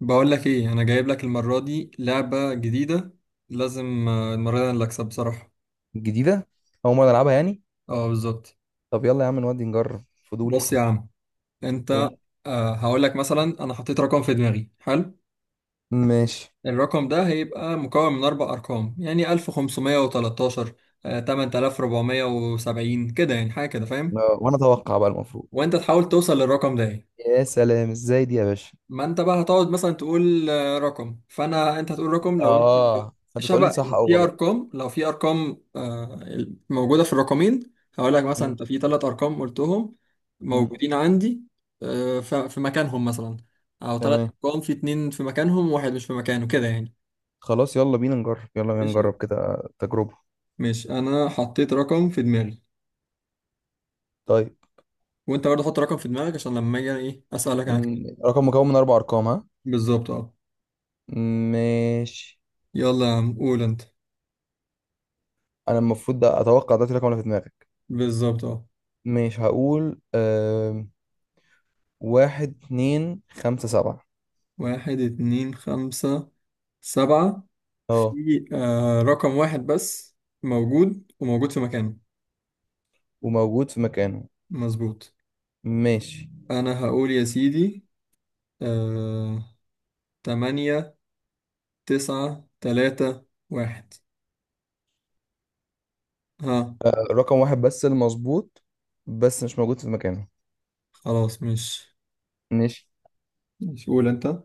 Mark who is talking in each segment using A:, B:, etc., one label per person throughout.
A: بقول لك ايه، انا جايب لك المره دي لعبه جديده. لازم المره دي انا اللي اكسب بصراحه.
B: جديدة. أول مرة ألعبها يعني.
A: اه بالظبط.
B: طب يلا يا عم، نودي نجرب. فضولي.
A: بص يا عم انت.
B: قول.
A: هقول لك مثلا انا حطيت رقم في دماغي حلو.
B: ماشي.
A: الرقم ده هيبقى مكون من اربع ارقام، يعني 1513، 8470، كده يعني، حاجه كده فاهم.
B: آه، وأنا أتوقع بقى المفروض.
A: وانت تحاول توصل للرقم ده يعني.
B: يا سلام، إزاي دي يا باشا؟
A: ما انت بقى هتقعد مثلا تقول رقم، فانا انت هتقول رقم لو انت
B: آه، فأنت تقول لي
A: شبه.
B: صح أو
A: في
B: غلط.
A: ارقام، لو في ارقام موجوده في الرقمين هقول لك مثلا
B: مم.
A: انت في ثلاث ارقام قلتهم
B: مم.
A: موجودين عندي، في مكانهم مثلا. او ثلاث
B: تمام.
A: ارقام في اتنين في مكانهم وواحد مش في مكانه كده يعني.
B: خلاص يلا بينا نجرب، يلا بينا
A: ماشي.
B: نجرب كده تجربة.
A: ماشي انا حطيت رقم في دماغي،
B: طيب.
A: وانت برضه حط رقم في دماغك عشان لما اجي انا ايه اسالك عنك.
B: مم. رقم مكون من أربع أرقام، ها؟
A: بالظبط اه.
B: ماشي.
A: يلا يا عم قول انت.
B: أنا المفروض ده أتوقع دلوقتي الرقم اللي في دماغك.
A: بالظبط اه.
B: مش هقول واحد اتنين خمسة سبعة.
A: واحد اتنين خمسة سبعة،
B: اه.
A: في رقم واحد بس موجود، وموجود في مكانه.
B: وموجود في مكانه.
A: مظبوط.
B: ماشي.
A: أنا هقول يا سيدي، آه، تمانية تسعة تلاتة واحد، ها.
B: آه، رقم واحد بس المظبوط، بس مش موجود في مكانه.
A: خلاص مش.
B: ماشي.
A: قول أنت.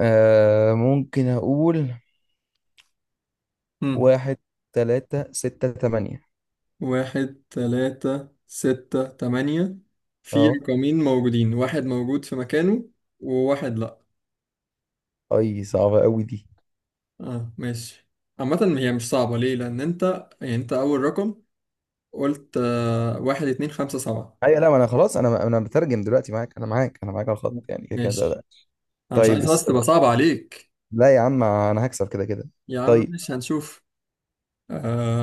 B: آه، ممكن أقول
A: مم.
B: واحد تلاتة ستة تمانية.
A: واحد تلاتة ستة تمانية، في
B: اه.
A: رقمين موجودين، واحد موجود في مكانه وواحد لأ.
B: أي صعبة أوي دي.
A: اه ماشي. عامة هي مش صعبة، ليه؟ لأن أنت يعني أنت أول رقم قلت واحد اتنين خمسة سبعة.
B: أيوة لا، ما أنا خلاص، أنا بترجم دلوقتي معاك، أنا معاك أنا معاك على الخط، يعني كده كده
A: ماشي.
B: ده.
A: أنا مش
B: طيب
A: عايز
B: بس.
A: بس تبقى صعبة عليك.
B: لا يا عم، أنا هكسب كده كده.
A: يا عم
B: طيب.
A: مش هنشوف.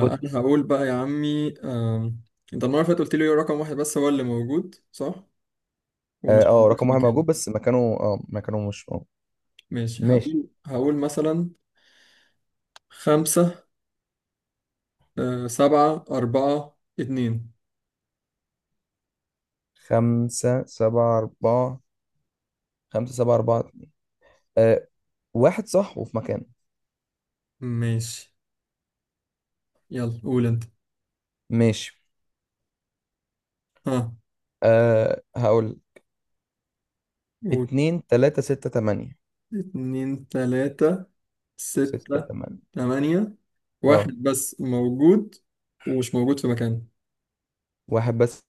B: خد.
A: أنا هقول بقى يا عمي، آه، أنت المرة اللي فاتت قلت لي رقم واحد بس هو اللي موجود صح؟
B: اه،
A: ومش
B: آه،
A: موجود في
B: رقم واحد
A: مكانه.
B: موجود، بس مكانه اه مكانه مش اه.
A: ماشي.
B: ماشي.
A: هقول مثلا خمسة، آه، سبعة أربعة اتنين.
B: خمسة سبعة أربعة، خمسة سبعة أربعة، آه، واحد صح وفي مكانه.
A: ماشي. يلا قول أنت.
B: ماشي.
A: ها.
B: آه، هقول
A: قول.
B: اتنين تلاتة ستة تمانية.
A: اتنين تلاتة
B: ستة
A: ستة
B: تمانية.
A: تمانية، واحد
B: اه.
A: بس موجود، ومش موجود في مكانه.
B: واحد بس،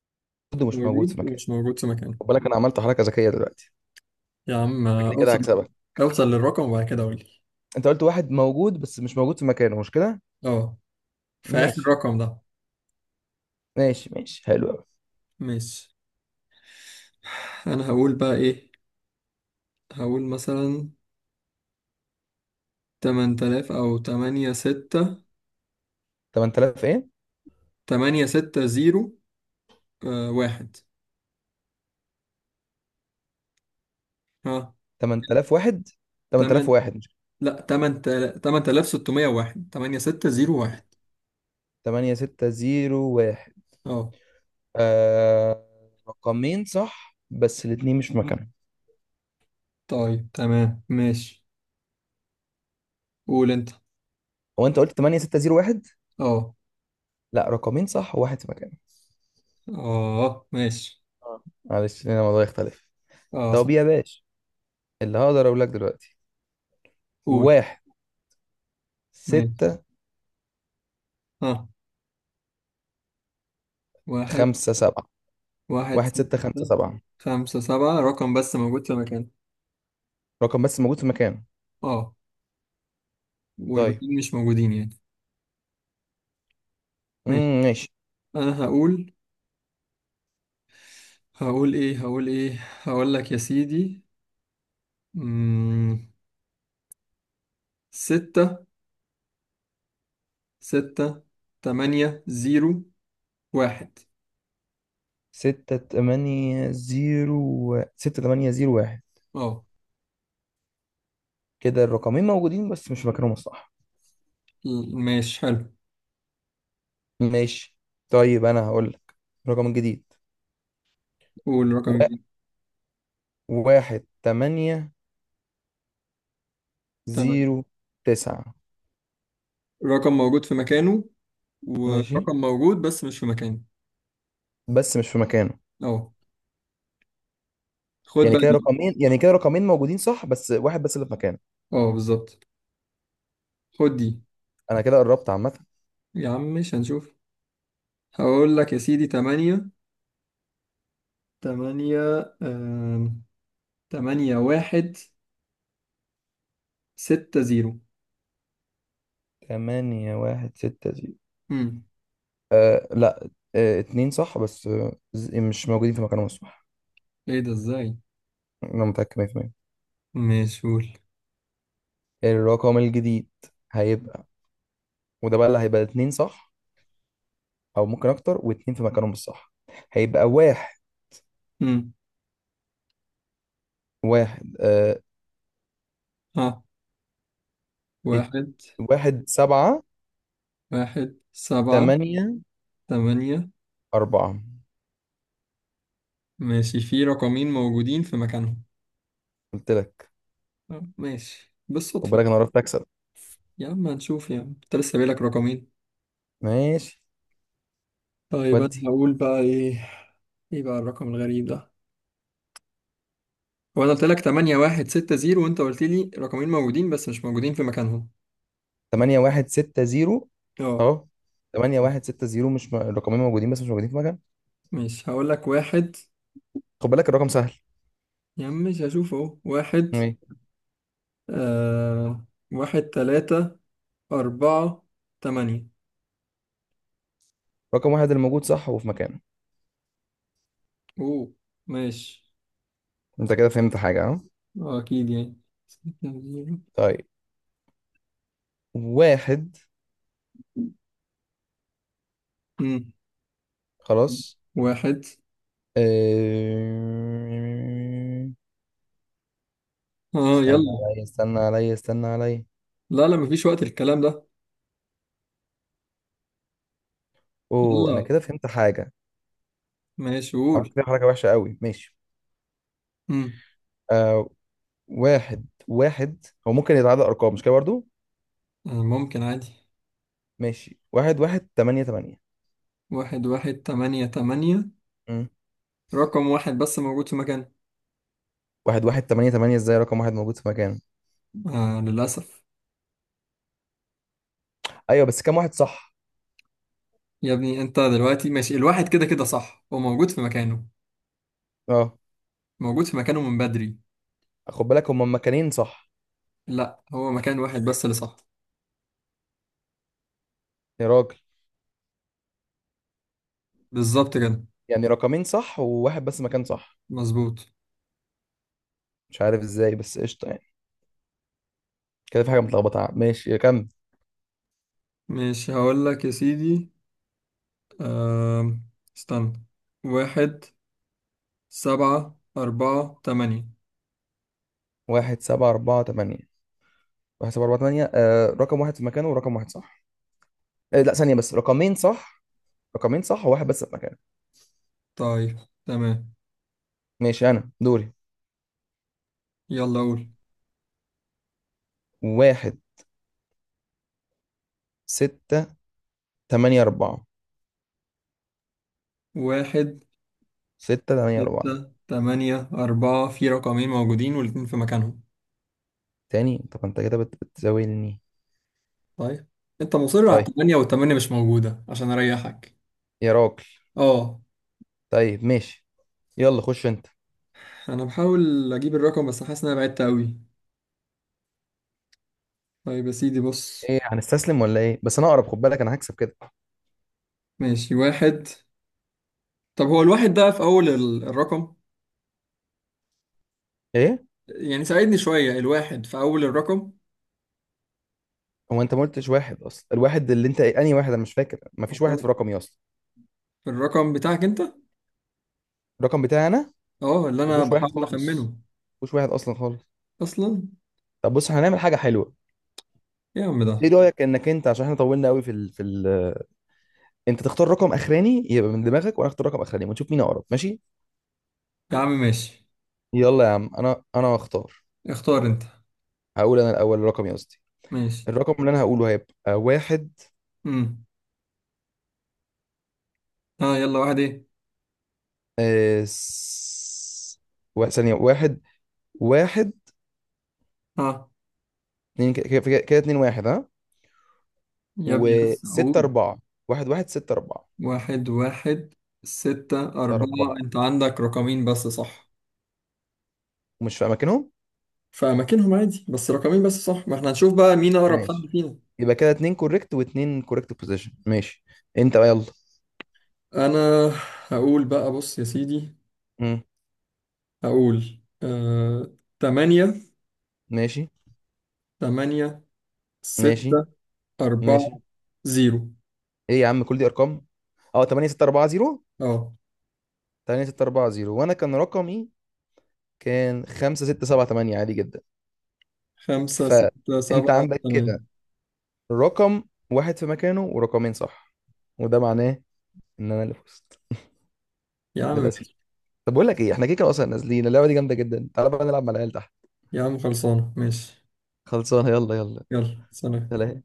B: برضه مش موجود في
A: موجود
B: مكانه.
A: ومش موجود في مكانه.
B: خد بالك انا عملت حركة ذكية دلوقتي،
A: يا عم
B: شكلي كده
A: اوصل.
B: هكسبك.
A: اوصل للرقم وبعد كده قولي.
B: انت قلت واحد موجود بس مش موجود في مكانه، مش كده؟
A: اه، في آخر
B: ماشي.
A: رقم ده.
B: ماشي ماشي، حلو قوي.
A: ماشي. أنا هقول بقى إيه، هقول مثلا تمن تلاف، أو تمانية ستة،
B: 8000 ايه؟
A: تمانية ستة زيرو، آه واحد، ها.
B: 8001.
A: تمن،
B: 8001 مش
A: لأ تمن تلاف ستمية واحد، تمانية ستة زيرو واحد.
B: 8 6 0 1.
A: اه
B: آه... رقمين صح بس الاتنين مش في مكانهم.
A: طيب تمام ماشي. قول انت.
B: هو انت قلت 8 6 0 1؟
A: اه.
B: لا، رقمين صح وواحد في مكانه.
A: اه ماشي.
B: آه. معلش، هنا الموضوع يختلف.
A: اه
B: طب
A: صح.
B: يا باشا، اللي هقدر اقول لك دلوقتي،
A: قول.
B: واحد
A: ماشي.
B: ستة
A: ها. واحد.
B: خمسة سبعة.
A: واحد
B: واحد
A: ستة
B: ستة خمسة سبعة،
A: خمسة سبعة، رقم بس موجود في مكان.
B: رقم بس موجود في مكانه.
A: اه،
B: طيب.
A: والباقيين مش موجودين يعني. ماشي.
B: امم، ماشي.
A: انا هقول، هقول ايه، هقول لك يا سيدي، مم. ستة، ستة تمانية زيرو واحد.
B: ستة تمانية زيرو، ستة تمانية زيرو واحد.
A: اه.
B: كده الرقمين موجودين بس مش في مكانهم الصح.
A: ماشي حلو.
B: ماشي. طيب أنا هقول لك الرقم الجديد.
A: قول
B: و...
A: رقم جديد.
B: واحد تمانية
A: تمام.
B: زيرو تسعة.
A: رقم موجود في مكانه،
B: ماشي،
A: ورقم موجود بس مش في مكانه.
B: بس مش في مكانه.
A: اهو. خد
B: يعني
A: بقى
B: كده
A: دي.
B: رقمين، يعني كده رقمين موجودين صح بس واحد بس اللي في مكانه.
A: اه بالظبط. خد دي.
B: أنا كده قربت عامة.
A: يا عم مش هنشوف. هقول لك يا سيدي تمانية، تمانية، آم، تمانية واحد ستة زيرو.
B: تمانية واحد ستة زيرو.
A: امم.
B: آه لا، آه اتنين صح بس آه مش موجودين في مكانهم الصح.
A: ايه ده ازاي؟
B: انا متأكد 100%.
A: مش قول.
B: الرقم الجديد هيبقى، وده بقى اللي هيبقى اتنين صح، او ممكن اكتر، واتنين في مكانهم الصح. هيبقى واحد،
A: امم.
B: واحد آه،
A: ها.
B: ات-
A: واحد،
B: واحد سبعة
A: واحد سبعة
B: تمانية
A: تمانية.
B: أربعة.
A: ماشي، في رقمين موجودين في مكانهم.
B: قلت لك.
A: آه، ماشي
B: خد
A: بالصدفة
B: بالك
A: كده.
B: انا عرفت اكسب.
A: يا عم هنشوف، يا عم انت لسه بايلك رقمين.
B: ماشي
A: طيب انا
B: ودي.
A: هقول بقى ايه، ايه بقى الرقم الغريب ده؟ وانا قلت لك 8 1 6 0 وانت قلت لي رقمين موجودين بس مش موجودين في مكانهم.
B: تمانية واحد ستة زيرو،
A: اه.
B: اهو. تمانية واحد ستة زيرو مش الرقمين موجودين بس مش موجودين في مكان.
A: ماشي هقول لك واحد.
B: خد بالك الرقم سهل.
A: يا عم مش هشوف اهو واحد،
B: ايه.
A: آه، واحد تلاتة أربعة تمانية.
B: رقم واحد اللي موجود صح وفي مكانه.
A: أوه. ماشي.
B: انت كده فهمت حاجة، ها؟
A: آه، أكيد يعني. ستة زيرو.
B: طيب. واحد.
A: مم.
B: خلاص.
A: واحد،
B: آه،
A: آه،
B: استنى
A: يلا.
B: عليا استنى عليا استنى عليا.
A: لا لا، مفيش وقت الكلام ده.
B: اوه انا
A: يلا.
B: كده فهمت حاجة.
A: ماشي قول.
B: عملت فيها حركة وحشة قوي. ماشي.
A: مم.
B: آه، واحد واحد هو ممكن يتعادل ارقام، مش كده برضو؟
A: آه ممكن عادي.
B: ماشي. واحد واحد تمانية تمانية.
A: واحد واحد تمانية تمانية.
B: مم.
A: رقم واحد بس موجود في مكان.
B: واحد واحد تمانية تمانية، ازاي رقم واحد موجود في مكانه؟
A: آه للأسف.
B: ايوه بس كام واحد صح؟
A: يا ابني انت دلوقتي ماشي، الواحد كده كده صح، هو موجود في مكانه،
B: اه.
A: موجود في مكانه من بدري.
B: خد بالك هما مكانين صح.
A: لا هو مكان واحد بس اللي صح.
B: يا راجل.
A: بالظبط كده.
B: يعني رقمين صح وواحد بس مكان صح.
A: مظبوط.
B: مش عارف ازاي، بس قشطة يعني. كده في حاجة متلخبطة، ماشي كم.
A: مش هقول لك يا سيدي، أم... استنى، واحد سبعة أربعة تمانية.
B: واحد سبعة أربعة تمانية، واحد سبعة أربعة تمانية، آه، رقم واحد في مكانه ورقم واحد صح. آه لا، ثانية بس، رقمين صح. رقمين صح وواحد بس في مكانه.
A: طيب. تمام.
B: ماشي، أنا دوري.
A: يلا قول.
B: واحد ستة تمانية أربعة.
A: واحد،
B: ستة تمانية أربعة.
A: ستة تمانية أربعة، في رقمين موجودين والاتنين في مكانهم.
B: تاني؟ طب أنت كده بتزاولني.
A: طيب انت مصر على
B: طيب.
A: التمانية، والتمانية مش موجودة عشان أريحك.
B: يا راجل.
A: اه.
B: طيب ماشي. يلا خش أنت.
A: انا بحاول اجيب الرقم بس حاسس ان انا بعدت قوي. طيب يا سيدي بص.
B: إيه هنستسلم ولا إيه؟ بس أنا أقرب، خد بالك أنا هكسب كده.
A: ماشي. واحد. طب هو الواحد ده في اول الرقم؟
B: إيه؟
A: يعني ساعدني شوية، الواحد في اول الرقم
B: هو أنت ما قلتش واحد أصلا. الواحد اللي أنت أنهي واحد؟ أنا مش فاكر، مفيش واحد
A: اصلا.
B: في رقمي أصلا.
A: في الرقم بتاعك انت.
B: الرقم بتاعي أنا
A: اه اللي انا
B: مفيهوش واحد
A: بحاول
B: خالص.
A: اخمنه.
B: مفيش واحد اصلا خالص.
A: اصلا.
B: طب بص، احنا هنعمل حاجه حلوه.
A: إيه يا عم ده؟
B: ايه رايك انك انت، عشان احنا طولنا قوي في انت تختار رقم اخراني يبقى من دماغك، وانا اختار رقم اخراني، ونشوف مين اقرب، ماشي؟
A: يا عم ماشي.
B: يلا يا عم، انا هختار.
A: اختار انت.
B: هقول انا الاول الرقم، يا قصدي،
A: ماشي.
B: الرقم اللي انا هقوله هيبقى واحد.
A: امم. ها يلا، واحد ايه؟
B: آه... س... ثانيه واحد. واحد
A: ها.
B: اتنين، كده كده اتنين واحد، ها.
A: يا ابني بس
B: وستة
A: اقول.
B: أربعة. واحد واحد ستة أربعة.
A: واحد واحد ستة
B: ستة
A: أربعة.
B: أربعة،
A: أنت عندك رقمين بس صح؟
B: مش في أماكنهم.
A: في اماكنهم عادي، بس رقمين بس صح، ما احنا هنشوف بقى مين اقرب حد
B: ماشي.
A: فينا.
B: يبقى كده اتنين كوريكت واتنين كوريكت بوزيشن. ماشي. انت بقى يلا.
A: انا هقول بقى، بص يا سيدي، هقول 8،
B: ماشي.
A: 8،
B: ماشي.
A: 6، 4،
B: ماشي.
A: 0.
B: ايه يا عم، كل دي ارقام. اه، 8 6 4 0.
A: اه
B: 8 6 4 0، وانا كان رقمي كان 5 6 7 8 عادي جدا.
A: 5 6
B: فانت
A: 7
B: عندك
A: 8.
B: كده رقم واحد في مكانه، ورقمين صح، وده معناه ان انا اللي فزت.
A: يا عم
B: للاسف.
A: ماشي.
B: طب بقول لك ايه، احنا كده كده اصلا نازلين، اللعبه دي جامده جدا، تعالى بقى نلعب مع العيال تحت.
A: يا عم خلصانة ماشي.
B: خلصانه، يلا يلا.
A: يلا سلام.
B: سلام.